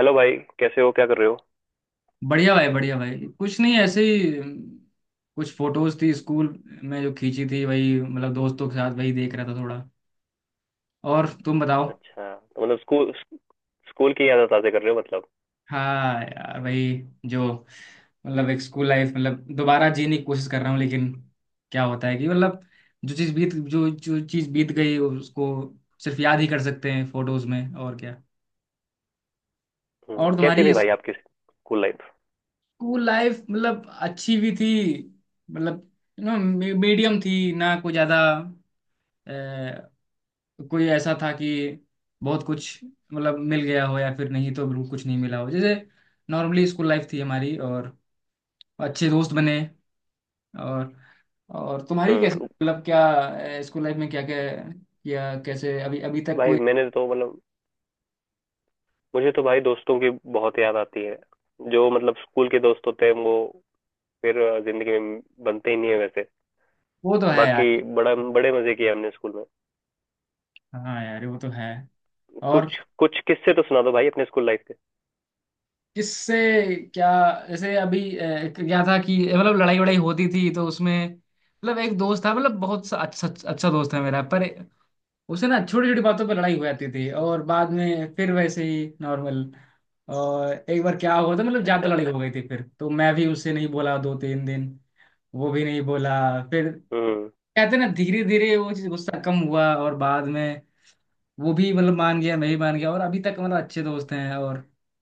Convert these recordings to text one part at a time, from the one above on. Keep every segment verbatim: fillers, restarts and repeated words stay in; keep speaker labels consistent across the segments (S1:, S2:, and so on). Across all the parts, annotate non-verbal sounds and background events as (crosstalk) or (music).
S1: Hello भाई। कैसे हो, क्या कर रहे हो?
S2: बढ़िया भाई बढ़िया भाई कुछ नहीं ऐसे ही अम, कुछ फोटोज थी स्कूल में जो खींची थी वही मतलब दोस्तों के साथ वही देख रहा था थोड़ा। और तुम बताओ।
S1: अच्छा, तो मतलब स्कूल स्कूल की यादें ताज़ा कर रहे हो मतलब।
S2: हाँ यार वही जो मतलब एक स्कूल लाइफ मतलब दोबारा जीने की कोशिश कर रहा हूँ। लेकिन क्या होता है कि मतलब जो चीज़ बीत जो जो चीज़ बीत गई उसको सिर्फ याद ही कर सकते हैं फोटोज में, और क्या।
S1: हम्म,
S2: और
S1: कैसी
S2: तुम्हारी
S1: थी भाई आपकी स्कूल लाइफ?
S2: स्कूल लाइफ मतलब अच्छी भी थी, मतलब यू नो मीडियम थी ना। कोई ज़्यादा अ, कोई ऐसा था कि बहुत कुछ मतलब मिल गया हो या फिर नहीं तो बिल्कुल कुछ नहीं मिला हो। जैसे नॉर्मली स्कूल लाइफ थी हमारी, और अच्छे दोस्त बने। और और तुम्हारी कैसे
S1: हम्म,
S2: मतलब क्या स्कूल लाइफ में क्या क्या किया कैसे अभी अभी तक
S1: भाई
S2: कोई।
S1: मैंने तो मतलब मुझे तो भाई दोस्तों की बहुत याद आती है। जो मतलब स्कूल के दोस्त होते हैं वो फिर जिंदगी में बनते ही नहीं है वैसे।
S2: वो तो है
S1: बाकी
S2: यार।
S1: बड़ा बड़े मजे किए हमने स्कूल में।
S2: हाँ यार वो तो है। और
S1: कुछ कुछ किस्से तो सुना दो भाई अपने स्कूल लाइफ के।
S2: किससे क्या? जैसे अभी अ, क्या था कि मतलब लड़ाई वड़ाई होती थी तो उसमें मतलब एक दोस्त था, मतलब बहुत सा- अच्छा अच्छा दोस्त है मेरा, पर उसे ना छोटी छोटी बातों पे लड़ाई हो जाती थी और बाद में फिर वैसे ही नॉर्मल। और एक बार क्या हुआ था, मतलब ज्यादा तो
S1: अच्छा।
S2: लड़ाई हो गई थी फिर तो मैं भी उससे नहीं बोला दो तीन दिन, वो भी नहीं बोला। फिर
S1: हम्म।
S2: कहते ना धीरे धीरे वो चीज गुस्सा कम हुआ और बाद में वो भी मतलब मान गया मैं भी मान गया, और अभी तक मतलब अच्छे दोस्त हैं। और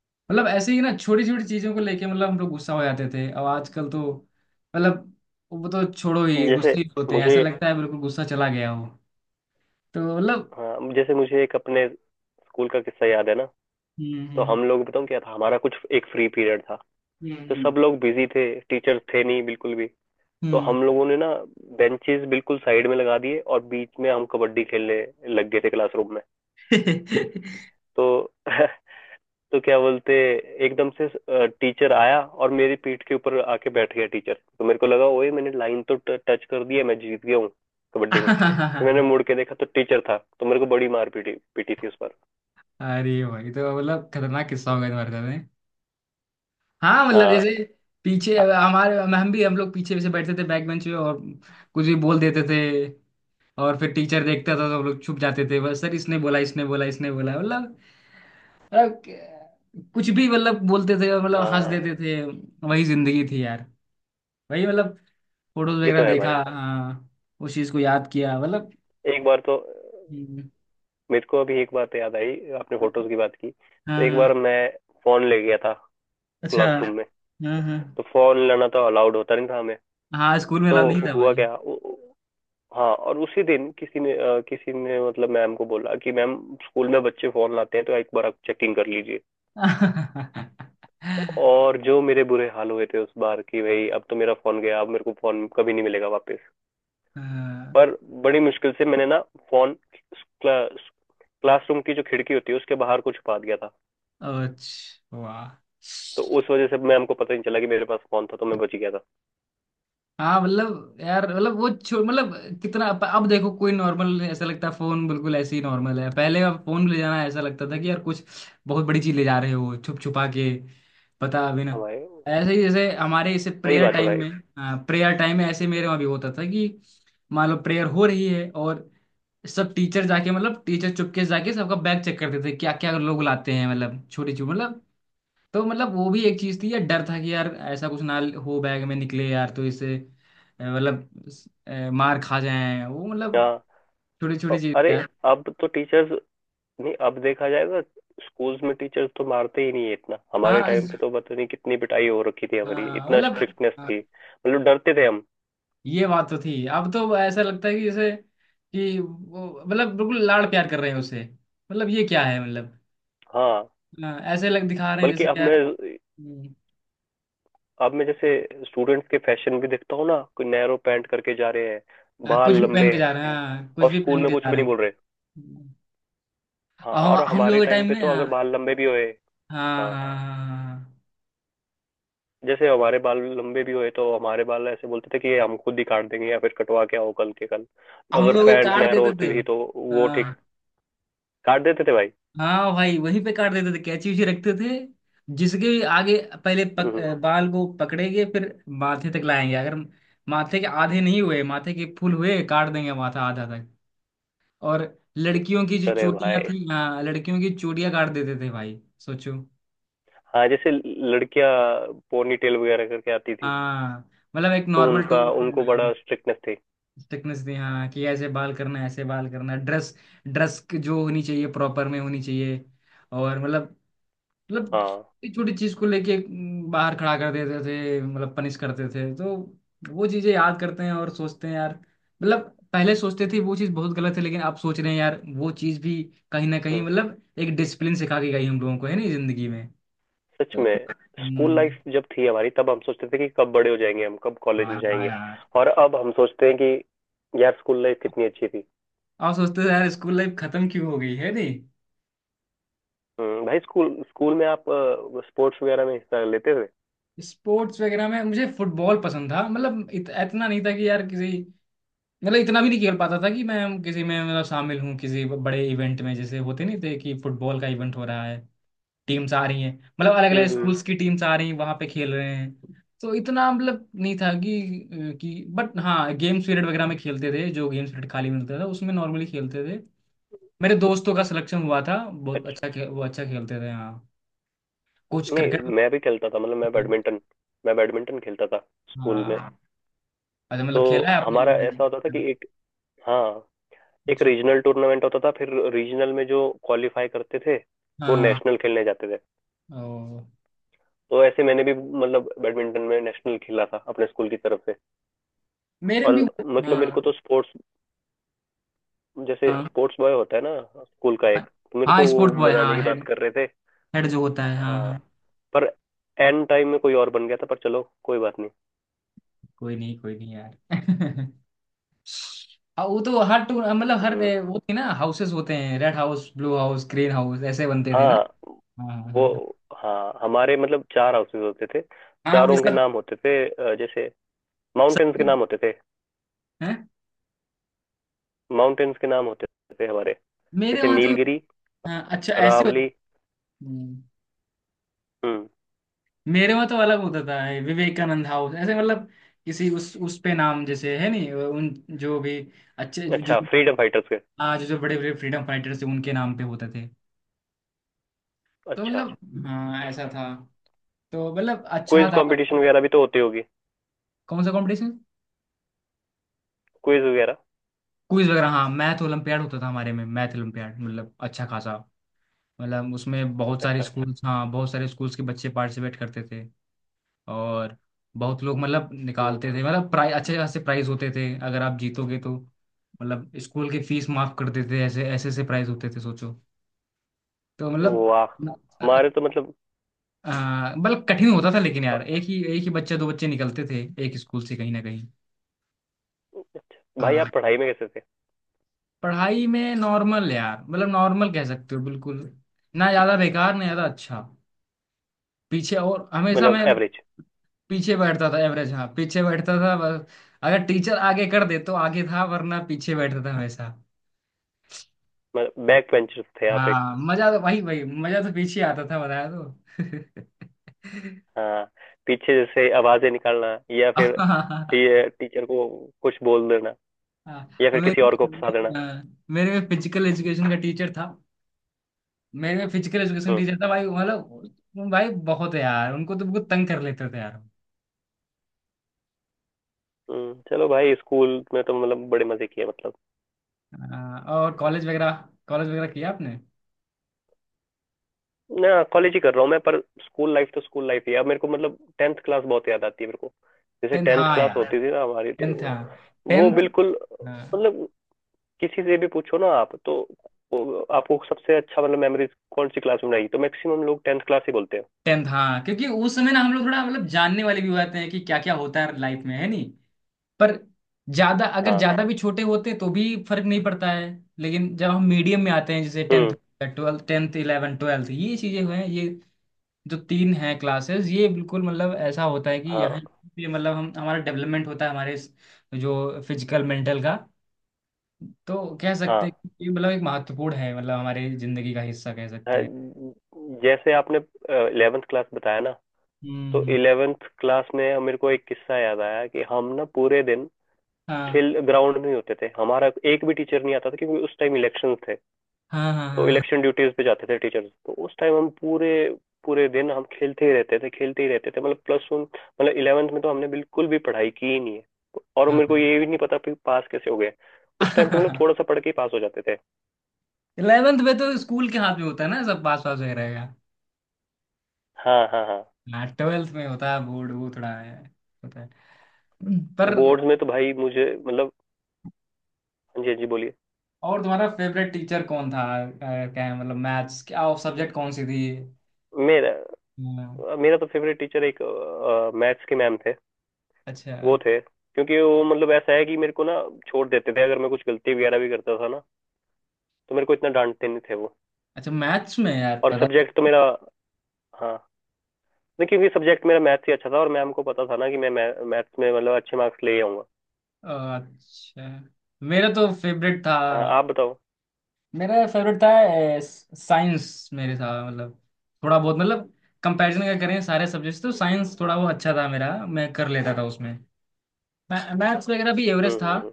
S2: मतलब ऐसे ही ना छोटी छोटी चीजों को लेके मतलब हम लोग गुस्सा हो जाते थे, और आजकल तो मतलब वो तो छोड़ो ही,
S1: जैसे
S2: गुस्से ही होते हैं,
S1: मुझे
S2: ऐसा लगता है बिल्कुल गुस्सा चला गया हो। तो मतलब
S1: हाँ, जैसे मुझे एक अपने स्कूल का किस्सा याद है ना।
S2: हम्म।
S1: तो
S2: हम्म।
S1: हम लोग, बताऊँ क्या था हमारा? कुछ एक फ्री पीरियड था। तो
S2: हम्म
S1: सब लोग बिजी थे, टीचर थे नहीं बिल्कुल भी। तो
S2: हम्म
S1: हम लोगों ने ना बेंचेस बिल्कुल साइड में लगा दिए और बीच में हम कबड्डी खेलने लग गए थे क्लासरूम में। तो (laughs) तो क्या बोलते, एकदम से टीचर आया और मेरी पीठ के ऊपर आके बैठ गया टीचर। तो मेरे को लगा ओए, मैंने लाइन तो टच कर दी है, मैं जीत गया हूँ कबड्डी में। फिर मैंने
S2: (laughs)
S1: मुड़ के देखा तो टीचर था, तो मेरे को बड़ी मार पीटी पीटी थी उस पर।
S2: अरे भाई तो मतलब खतरनाक किस्सा हो गया तुम्हारे साथ में। हाँ मतलब जैसे
S1: हाँ।
S2: पीछे हमारे हम भी हम लोग पीछे से बैठते थे बैक बेंच पे, और कुछ भी बोल देते थे। और फिर टीचर देखता था तो हम लोग छुप जाते थे, बस सर इसने बोला इसने बोला इसने बोला, मतलब मतलब कुछ भी मतलब बोलते थे और मतलब हंस
S1: हाँ,
S2: देते थे। वही जिंदगी थी यार, वही मतलब फोटोज
S1: ये
S2: वगैरह
S1: तो है
S2: देखा,
S1: भाई।
S2: हाँ उस चीज को याद किया मतलब।
S1: एक बार तो
S2: हम्म।
S1: मेरे को अभी एक बात याद आई। आपने फोटोज की बात की तो एक बार
S2: हाँ।
S1: मैं फोन ले गया था
S2: अच्छा।
S1: क्लासरूम में।
S2: हाँ, हाँ,
S1: तो फोन लेना तो अलाउड होता नहीं था हमें।
S2: हाँ, स्कूल में
S1: तो
S2: अलाउ नहीं था
S1: हुआ
S2: भाई।
S1: क्या, उ- उ- हाँ, और उसी दिन किसी ने अ, किसी ने मतलब मैम को बोला कि मैम स्कूल में बच्चे फोन लाते हैं, तो एक बार आप चेकिंग कर लीजिए। और जो मेरे बुरे हाल हुए थे उस बार कि भाई अब तो मेरा फोन गया, अब मेरे को फोन कभी नहीं मिलेगा वापस।
S2: हाँ।
S1: पर बड़ी मुश्किल से मैंने ना फोन, क्लास क्लासरूम की जो खिड़की होती है उसके बाहर को छुपा दिया था।
S2: अच्छा, वाह।
S1: तो उस वजह से मैम को पता नहीं चला कि मेरे पास फोन था, तो मैं बच गया था।
S2: हाँ मतलब यार मतलब वो छो- मतलब कितना, अब अब देखो कोई नॉर्मल ऐसा लगता है फोन, बिल्कुल ऐसे ही नॉर्मल है। पहले अब फोन ले जाना ऐसा लगता था कि यार कुछ बहुत बड़ी चीज ले जा रहे हो छुप छुपा के, पता अभी
S1: हाँ
S2: ना।
S1: भाई।
S2: ऐसे ही जैसे हमारे इसे
S1: सही
S2: प्रेयर
S1: बात है
S2: टाइम
S1: भाई।
S2: में। हाँ, प्रेयर टाइम में ऐसे मेरे वहाँ भी होता था कि मान लो प्रेयर हो रही है और सब टीचर जाके मतलब टीचर चुपके से जाके सबका बैग चेक करते थे क्या क्या लोग लाते हैं, मतलब छोटी छोटी मतलब तो मतलब वो भी एक चीज थी यार। डर था कि यार ऐसा कुछ ना हो बैग में, निकले यार तो इससे अ, मतलब अ, मार खा जाए वो, मतलब
S1: हाँ।
S2: छोटी
S1: अ-
S2: छोटी चीज
S1: अरे,
S2: यार।
S1: अब तो टीचर्स, नहीं, अब देखा जाएगा स्कूल्स में टीचर्स तो मारते ही नहीं है इतना। हमारे
S2: हाँ
S1: टाइम
S2: इस-
S1: पे तो पता नहीं कितनी पिटाई हो रखी थी हमारी,
S2: हाँ
S1: इतना
S2: मतलब
S1: स्ट्रिक्टनेस
S2: हाँ,
S1: थी मतलब डरते थे हम।
S2: ये बात तो थी। अब तो ऐसा लगता है कि जैसे कि वो मतलब बिल्कुल लाड़ प्यार कर रहे हैं उसे, मतलब ये क्या है मतलब।
S1: हाँ।
S2: हाँ, ऐसे लग दिखा रहे हैं
S1: बल्कि
S2: जैसे
S1: अब मैं
S2: यार। हम्म।
S1: अब मैं जैसे स्टूडेंट्स के फैशन भी देखता हूँ ना, कोई नैरो पैंट करके जा रहे हैं,
S2: हाँ, कुछ
S1: बाल
S2: भी पहन
S1: लंबे
S2: के जा रहे हैं,
S1: हैं,
S2: हाँ कुछ
S1: और
S2: भी
S1: स्कूल
S2: पहन
S1: में
S2: के जा
S1: कुछ भी
S2: रहे
S1: नहीं
S2: हैं।
S1: बोल रहे। हाँ,
S2: और हम
S1: और
S2: हम
S1: हमारे
S2: लोग के
S1: टाइम
S2: टाइम
S1: पे
S2: में,
S1: तो अगर
S2: हाँ,
S1: बाल लंबे भी होए,
S2: हाँ,
S1: हाँ,
S2: हाँ, हाँ, हाँ। हाँ, हाँ।
S1: जैसे हमारे बाल लंबे भी हुए तो हमारे बाल ऐसे बोलते थे कि ये हम खुद ही काट देंगे या फिर कटवा के आओ कल के कल।
S2: हम
S1: अगर
S2: लोग एक
S1: पैंट
S2: कार्ड
S1: नैरो
S2: देते थे।
S1: होती थी तो वो ठीक
S2: हाँ,
S1: काट देते थे भाई।
S2: हाँ भाई वहीं पे कार्ड देते थे, कैची उची रखते थे। जिसके भी आगे, पहले
S1: हम्म,
S2: पक,
S1: हम्म।
S2: अ, बाल को पकड़ेंगे फिर माथे तक लाएंगे। अगर माथे के आधे नहीं हुए, माथे के फुल हुए, काट देंगे माथा आधा तक। और लड़कियों की जो
S1: अरे
S2: चूड़ियां
S1: भाई।
S2: थी, हाँ लड़कियों की चूड़ियां काट देते थे भाई, सोचो।
S1: हाँ, जैसे लड़कियां पोनी टेल वगैरह करके आती थी,
S2: हाँ मतलब एक
S1: तो
S2: नॉर्मल टू
S1: उनका, उनको बड़ा स्ट्रिक्टनेस थी।
S2: थिकनेस दी, हाँ कि ऐसे बाल करना है, ऐसे बाल करना है, ड्रेस ड्रेस जो होनी चाहिए प्रॉपर में होनी चाहिए, और मतलब मतलब
S1: हाँ।
S2: छोटी छोटी चीज को लेके म, बाहर खड़ा कर देते थे, मतलब पनिश करते थे तो। वो चीजें याद करते हैं और सोचते हैं यार, मतलब पहले सोचते थे वो चीज बहुत गलत है, लेकिन आप सोच रहे हैं यार वो चीज भी कहीं ना कहीं
S1: हम्म,
S2: मतलब एक डिसिप्लिन सिखा के गई हम लोगों को है नहीं जिंदगी में।
S1: सच
S2: तो
S1: में। स्कूल
S2: हम्म,
S1: लाइफ जब थी हमारी तब हम सोचते थे कि कब बड़े हो जाएंगे हम, कब कॉलेज में
S2: हाँ
S1: जाएंगे,
S2: यार।
S1: और अब हम सोचते हैं कि यार स्कूल लाइफ कितनी अच्छी थी।
S2: आप सोचते थे यार स्कूल लाइफ खत्म क्यों हो गई है नहीं।
S1: हम्म, भाई स्कूल स्कूल में आप स्पोर्ट्स वगैरह में हिस्सा लेते थे?
S2: स्पोर्ट्स वगैरह में मुझे फुटबॉल पसंद था, मतलब इत, इतना नहीं था कि यार किसी मतलब इतना भी नहीं खेल पाता था कि मैं किसी में मतलब शामिल हूँ किसी बड़े इवेंट में, जैसे होते नहीं थे कि फुटबॉल का इवेंट हो रहा है, टीम्स आ रही हैं, मतलब अलग अलग
S1: हम्म।
S2: स्कूल्स, हाँ की टीम्स आ रही हैं वहाँ पे खेल रहे हैं। तो इतना मतलब नहीं था कि कि बट हाँ गेम्स पीरियड वगैरह में खेलते थे, जो गेम्स पीरियड खाली मिलता था उसमें नॉर्मली खेलते थे। मेरे दोस्तों का सिलेक्शन हुआ था, बहुत
S1: अच्छा,
S2: अच्छा खे, वो अच्छा खेलते थे हाँ, कुछ
S1: नहीं,
S2: क्रिकेट।
S1: मैं भी खेलता था। मतलब मैं बैडमिंटन मैं बैडमिंटन खेलता था स्कूल में।
S2: हाँ, अच्छा
S1: तो
S2: मतलब खेला है आपने।
S1: हमारा ऐसा होता था कि एक, हाँ, एक
S2: अच्छा।
S1: रीजनल टूर्नामेंट होता था, फिर रीजनल में जो क्वालिफाई करते थे वो
S2: हाँ।
S1: नेशनल खेलने जाते थे।
S2: ओ।
S1: तो ऐसे मैंने भी मतलब बैडमिंटन में नेशनल खेला था अपने स्कूल की तरफ से।
S2: मेरे
S1: और
S2: भी।
S1: मतलब मेरे
S2: हाँ,
S1: को तो स्पोर्ट्स, जैसे
S2: हाँ,
S1: स्पोर्ट्स बॉय होता है ना स्कूल का
S2: हाँ,
S1: एक, तो मेरे
S2: हाँ
S1: को वो
S2: स्पोर्ट बॉय
S1: बनाने
S2: हाँ
S1: की बात
S2: हेड,
S1: कर रहे थे।
S2: हेड जो होता है हाँ,
S1: हाँ।
S2: हाँ।
S1: पर एंड टाइम में कोई और बन गया था, पर चलो कोई बात नहीं।
S2: कोई नहीं, कोई नहीं यार। (laughs) हाँ, वो तो हर टूर मतलब हर
S1: हम्म।
S2: ए, वो थी ना हाउसेस होते हैं, red house blue house green house ऐसे बनते थे ना।
S1: हाँ।
S2: हाँ, हाँ,
S1: वो,
S2: हाँ, हाँ।
S1: हाँ, हमारे मतलब चार हाउसेस होते थे,
S2: हाँ, हम
S1: चारों के
S2: सब
S1: नाम होते थे अ, जैसे
S2: सब
S1: माउंटेन्स के नाम होते थे।
S2: हैं।
S1: माउंटेन्स के नाम होते थे हमारे,
S2: मेरे
S1: जैसे
S2: वहाँ तो,
S1: नीलगिरी,
S2: हाँ अच्छा ऐसे होता-
S1: अरावली।
S2: हम्म,
S1: हम्म।
S2: मेरे वहाँ तो अलग होता था, ये विवेकानंद हाउस, ऐसे मतलब किसी उस उस पे नाम जैसे है नहीं, उन जो भी अच्छे जो
S1: अच्छा, फ्रीडम फाइटर्स के।
S2: आज जो बड़े बड़े फ्रीडम फाइटर्स थे उनके नाम पे होते थे। तो
S1: अच्छा।
S2: मतलब हाँ ऐसा था, तो मतलब अच्छा
S1: क्विज
S2: था।
S1: कंपटीशन वगैरह भी तो होती होगी?
S2: कौन सा कंपटीशन?
S1: क्विज वगैरह।
S2: क्विज वगैरह हाँ, मैथ ओलंपियाड होता था हमारे में, मैथ ओलंपियाड मतलब अच्छा खासा, मतलब उसमें बहुत सारे
S1: अच्छा।
S2: स्कूल्स, हाँ बहुत सारे स्कूल्स के बच्चे पार्टिसिपेट करते थे। और बहुत लोग मतलब
S1: हम्म।
S2: निकालते थे, मतलब प्राइज अच्छे खासे प्राइज होते थे, अगर आप जीतोगे तो मतलब स्कूल की फीस माफ कर देते, ऐसे ऐसे ऐसे प्राइज होते थे, सोचो। तो मतलब
S1: वाह। हमारे तो मतलब,
S2: आ, मतलब कठिन होता था, लेकिन
S1: ह-
S2: यार एक ही एक ही बच्चे दो बच्चे निकलते थे एक स्कूल से, कहीं ना कहीं।
S1: भाई,
S2: आ,
S1: आप पढ़ाई में कैसे थे?
S2: पढ़ाई में नॉर्मल यार, मतलब नॉर्मल कह सकते हो बिल्कुल, ना ज्यादा बेकार ना ज्यादा अच्छा। पीछे और हमेशा
S1: मतलब
S2: मैं
S1: एवरेज?
S2: पीछे बैठता था, एवरेज हाँ पीछे बैठता था बस, अगर टीचर आगे कर दे तो आगे था, वरना पीछे बैठता था हमेशा।
S1: मतलब बैक बेंचर्स थे आप?
S2: हाँ मजा तो वही, वही मजा तो पीछे आता था, बताया तो।
S1: हाँ, पीछे जैसे आवाजें निकालना, या फिर
S2: (laughs)
S1: टी, टीचर को कुछ बोल देना,
S2: हाँ,
S1: या फिर
S2: मेरे
S1: किसी और को फंसा देना।
S2: मेरे में फिजिकल एजुकेशन का टीचर था, मेरे फिजिकल एजुकेशन
S1: हम्म।
S2: टीचर था भाई, मतलब भाई बहुत है यार, उनको तो बहुत तंग कर लेते थे यार।
S1: हम्म, चलो भाई स्कूल में तो मतलब बड़े मजे किए मतलब।
S2: अ, और कॉलेज वगैरह, कॉलेज वगैरह किया आपने?
S1: ना, कॉलेज ही कर रहा हूँ मैं, पर स्कूल लाइफ तो स्कूल लाइफ ही है। अब मेरे को मतलब टेंथ क्लास बहुत याद आती है मेरे को। जैसे
S2: टेंथ
S1: टेंथ
S2: हाँ
S1: क्लास
S2: यार,
S1: होती थी ना हमारी, तो
S2: टेंथ हाँ,
S1: वो
S2: टेंथ।
S1: बिल्कुल
S2: हाँ
S1: मतलब, किसी से भी पूछो ना आप तो, वो आपको सबसे अच्छा मतलब मेमोरीज कौन सी क्लास में बनाई, तो मैक्सिमम लोग टेंथ क्लास ही बोलते हैं।
S2: टेंथ, हाँ क्योंकि उस समय ना हम लोग थोड़ा मतलब जानने वाले भी हुए थे हैं कि क्या क्या होता है लाइफ में, है नी। पर ज्यादा, अगर
S1: हाँ।
S2: ज्यादा भी छोटे होते तो भी फर्क नहीं पड़ता है। लेकिन जब हम मीडियम में आते हैं जैसे टेंथ
S1: हम्म।
S2: ट्वेल्थ, टेंथ इलेवन ट्वेल्थ, ये चीजें हुए हैं ये जो तीन हैं क्लासेस, ये बिल्कुल मतलब ऐसा होता है कि यहाँ
S1: हाँ।
S2: पे मतलब हम हमारा डेवलपमेंट होता है हमारे इस- जो फिजिकल मेंटल का, तो कह सकते
S1: हाँ,
S2: हैं कि ये मतलब एक महत्वपूर्ण है मतलब हमारे जिंदगी का हिस्सा कह सकते
S1: हाँ,
S2: हैं।
S1: जैसे आपने इलेवेंथ क्लास बताया ना,
S2: हम्म,
S1: तो
S2: हम्म,
S1: इलेवेंथ क्लास में मेरे को एक किस्सा याद आया कि हम ना पूरे दिन
S2: हाँ,
S1: खेल ग्राउंड में ही होते थे, हमारा एक भी टीचर नहीं आता था क्योंकि उस टाइम इलेक्शन थे।
S2: हाँ,
S1: तो
S2: हाँ,
S1: इलेक्शन ड्यूटीज पे जाते थे टीचर्स, तो उस टाइम हम पूरे पूरे दिन हम खेलते ही रहते थे, खेलते ही रहते थे। मतलब प्लस वन मतलब इलेवेंथ में तो हमने बिल्कुल भी पढ़ाई की ही नहीं है, और
S2: हाँ,
S1: मेरे को ये भी नहीं पता कि पास कैसे हो गए। उस टाइम तो मतलब
S2: हाँ।
S1: थोड़ा सा पढ़ के ही पास हो जाते थे।
S2: इलेवेंथ (laughs) में तो स्कूल के हाथ में होता है ना सब पास पास वगैरह।
S1: हाँ, हाँ, हाँ।
S2: हाँ ट्वेल्थ में होता है बोर्ड वो थोड़ा है, होता है। पर
S1: बोर्ड्स में तो भाई मुझे मतलब, हाँ जी, हाँ जी, बोलिए।
S2: और तुम्हारा फेवरेट टीचर कौन था? अ, क्या है मतलब मैथ्स क्या और सब्जेक्ट कौन सी थी?
S1: मेरा
S2: हाँ,
S1: मेरा तो फेवरेट टीचर एक मैथ्स के मैम थे।
S2: अच्छा।
S1: वो थे क्योंकि वो मतलब ऐसा है कि मेरे को ना छोड़ देते थे, अगर मैं कुछ गलती वगैरह भी करता था ना, तो मेरे को इतना डांटते नहीं थे वो।
S2: अच्छा, मैथ्स में यार
S1: और
S2: पता।
S1: सब्जेक्ट तो मेरा, हाँ, नहीं, क्योंकि सब्जेक्ट मेरा मैथ्स ही अच्छा था और मैम को पता था ना कि मैं मैथ्स में मतलब अच्छे मार्क्स ले आऊंगा।
S2: अ, अच्छा, मेरा तो फेवरेट था,
S1: हाँ, आप बताओ।
S2: मेरा फेवरेट था साइंस, मेरे था मतलब थोड़ा बहुत मतलब कंपैरिजन अगर करें सारे सब्जेक्ट्स तो साइंस थोड़ा वो अच्छा था मेरा, मैं कर लेता था उसमें। मैथ्स वगैरह भी एवरेज
S1: हम्म,
S2: था,
S1: हम्म, हम्म।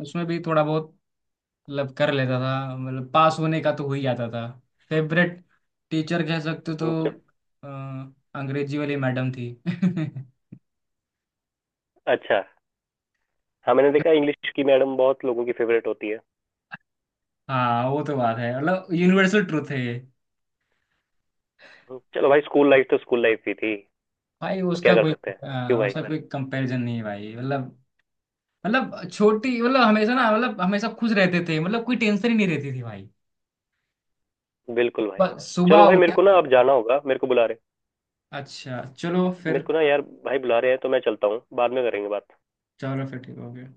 S2: उसमें भी थोड़ा बहुत मतलब कर लेता था, मतलब पास होने का तो हो ही जाता था। फेवरेट टीचर कह सकते हो
S1: हम्म,
S2: तो
S1: च-
S2: अ, अंग्रेजी वाली मैडम थी। (laughs)
S1: अच्छा। हाँ, मैंने देखा इंग्लिश की मैडम बहुत लोगों की फेवरेट होती है।
S2: हाँ वो तो बात है, मतलब यूनिवर्सल ट्रूथ है ये।
S1: हम्म, चलो भाई स्कूल लाइफ तो स्कूल लाइफ ही थी,
S2: भाई
S1: तो क्या
S2: उसका
S1: कर
S2: कोई
S1: सकते हैं? क्यों
S2: अ,
S1: भाई।
S2: उसका कोई कंपैरिजन नहीं है भाई, मतलब मतलब छोटी मतलब हमेशा ना, मतलब हमेशा खुश रहते थे, मतलब कोई टेंशन ही नहीं रहती थी भाई,
S1: बिल्कुल भाई।
S2: बस
S1: चलो
S2: सुबह
S1: भाई, मेरे
S2: उठे।
S1: को ना अब जाना होगा, मेरे को बुला रहे।
S2: अच्छा चलो
S1: मेरे
S2: फिर।
S1: को ना यार, भाई बुला रहे हैं, तो मैं चलता हूँ, बाद में करेंगे बात।
S2: चलो फिर ठीक हो गया।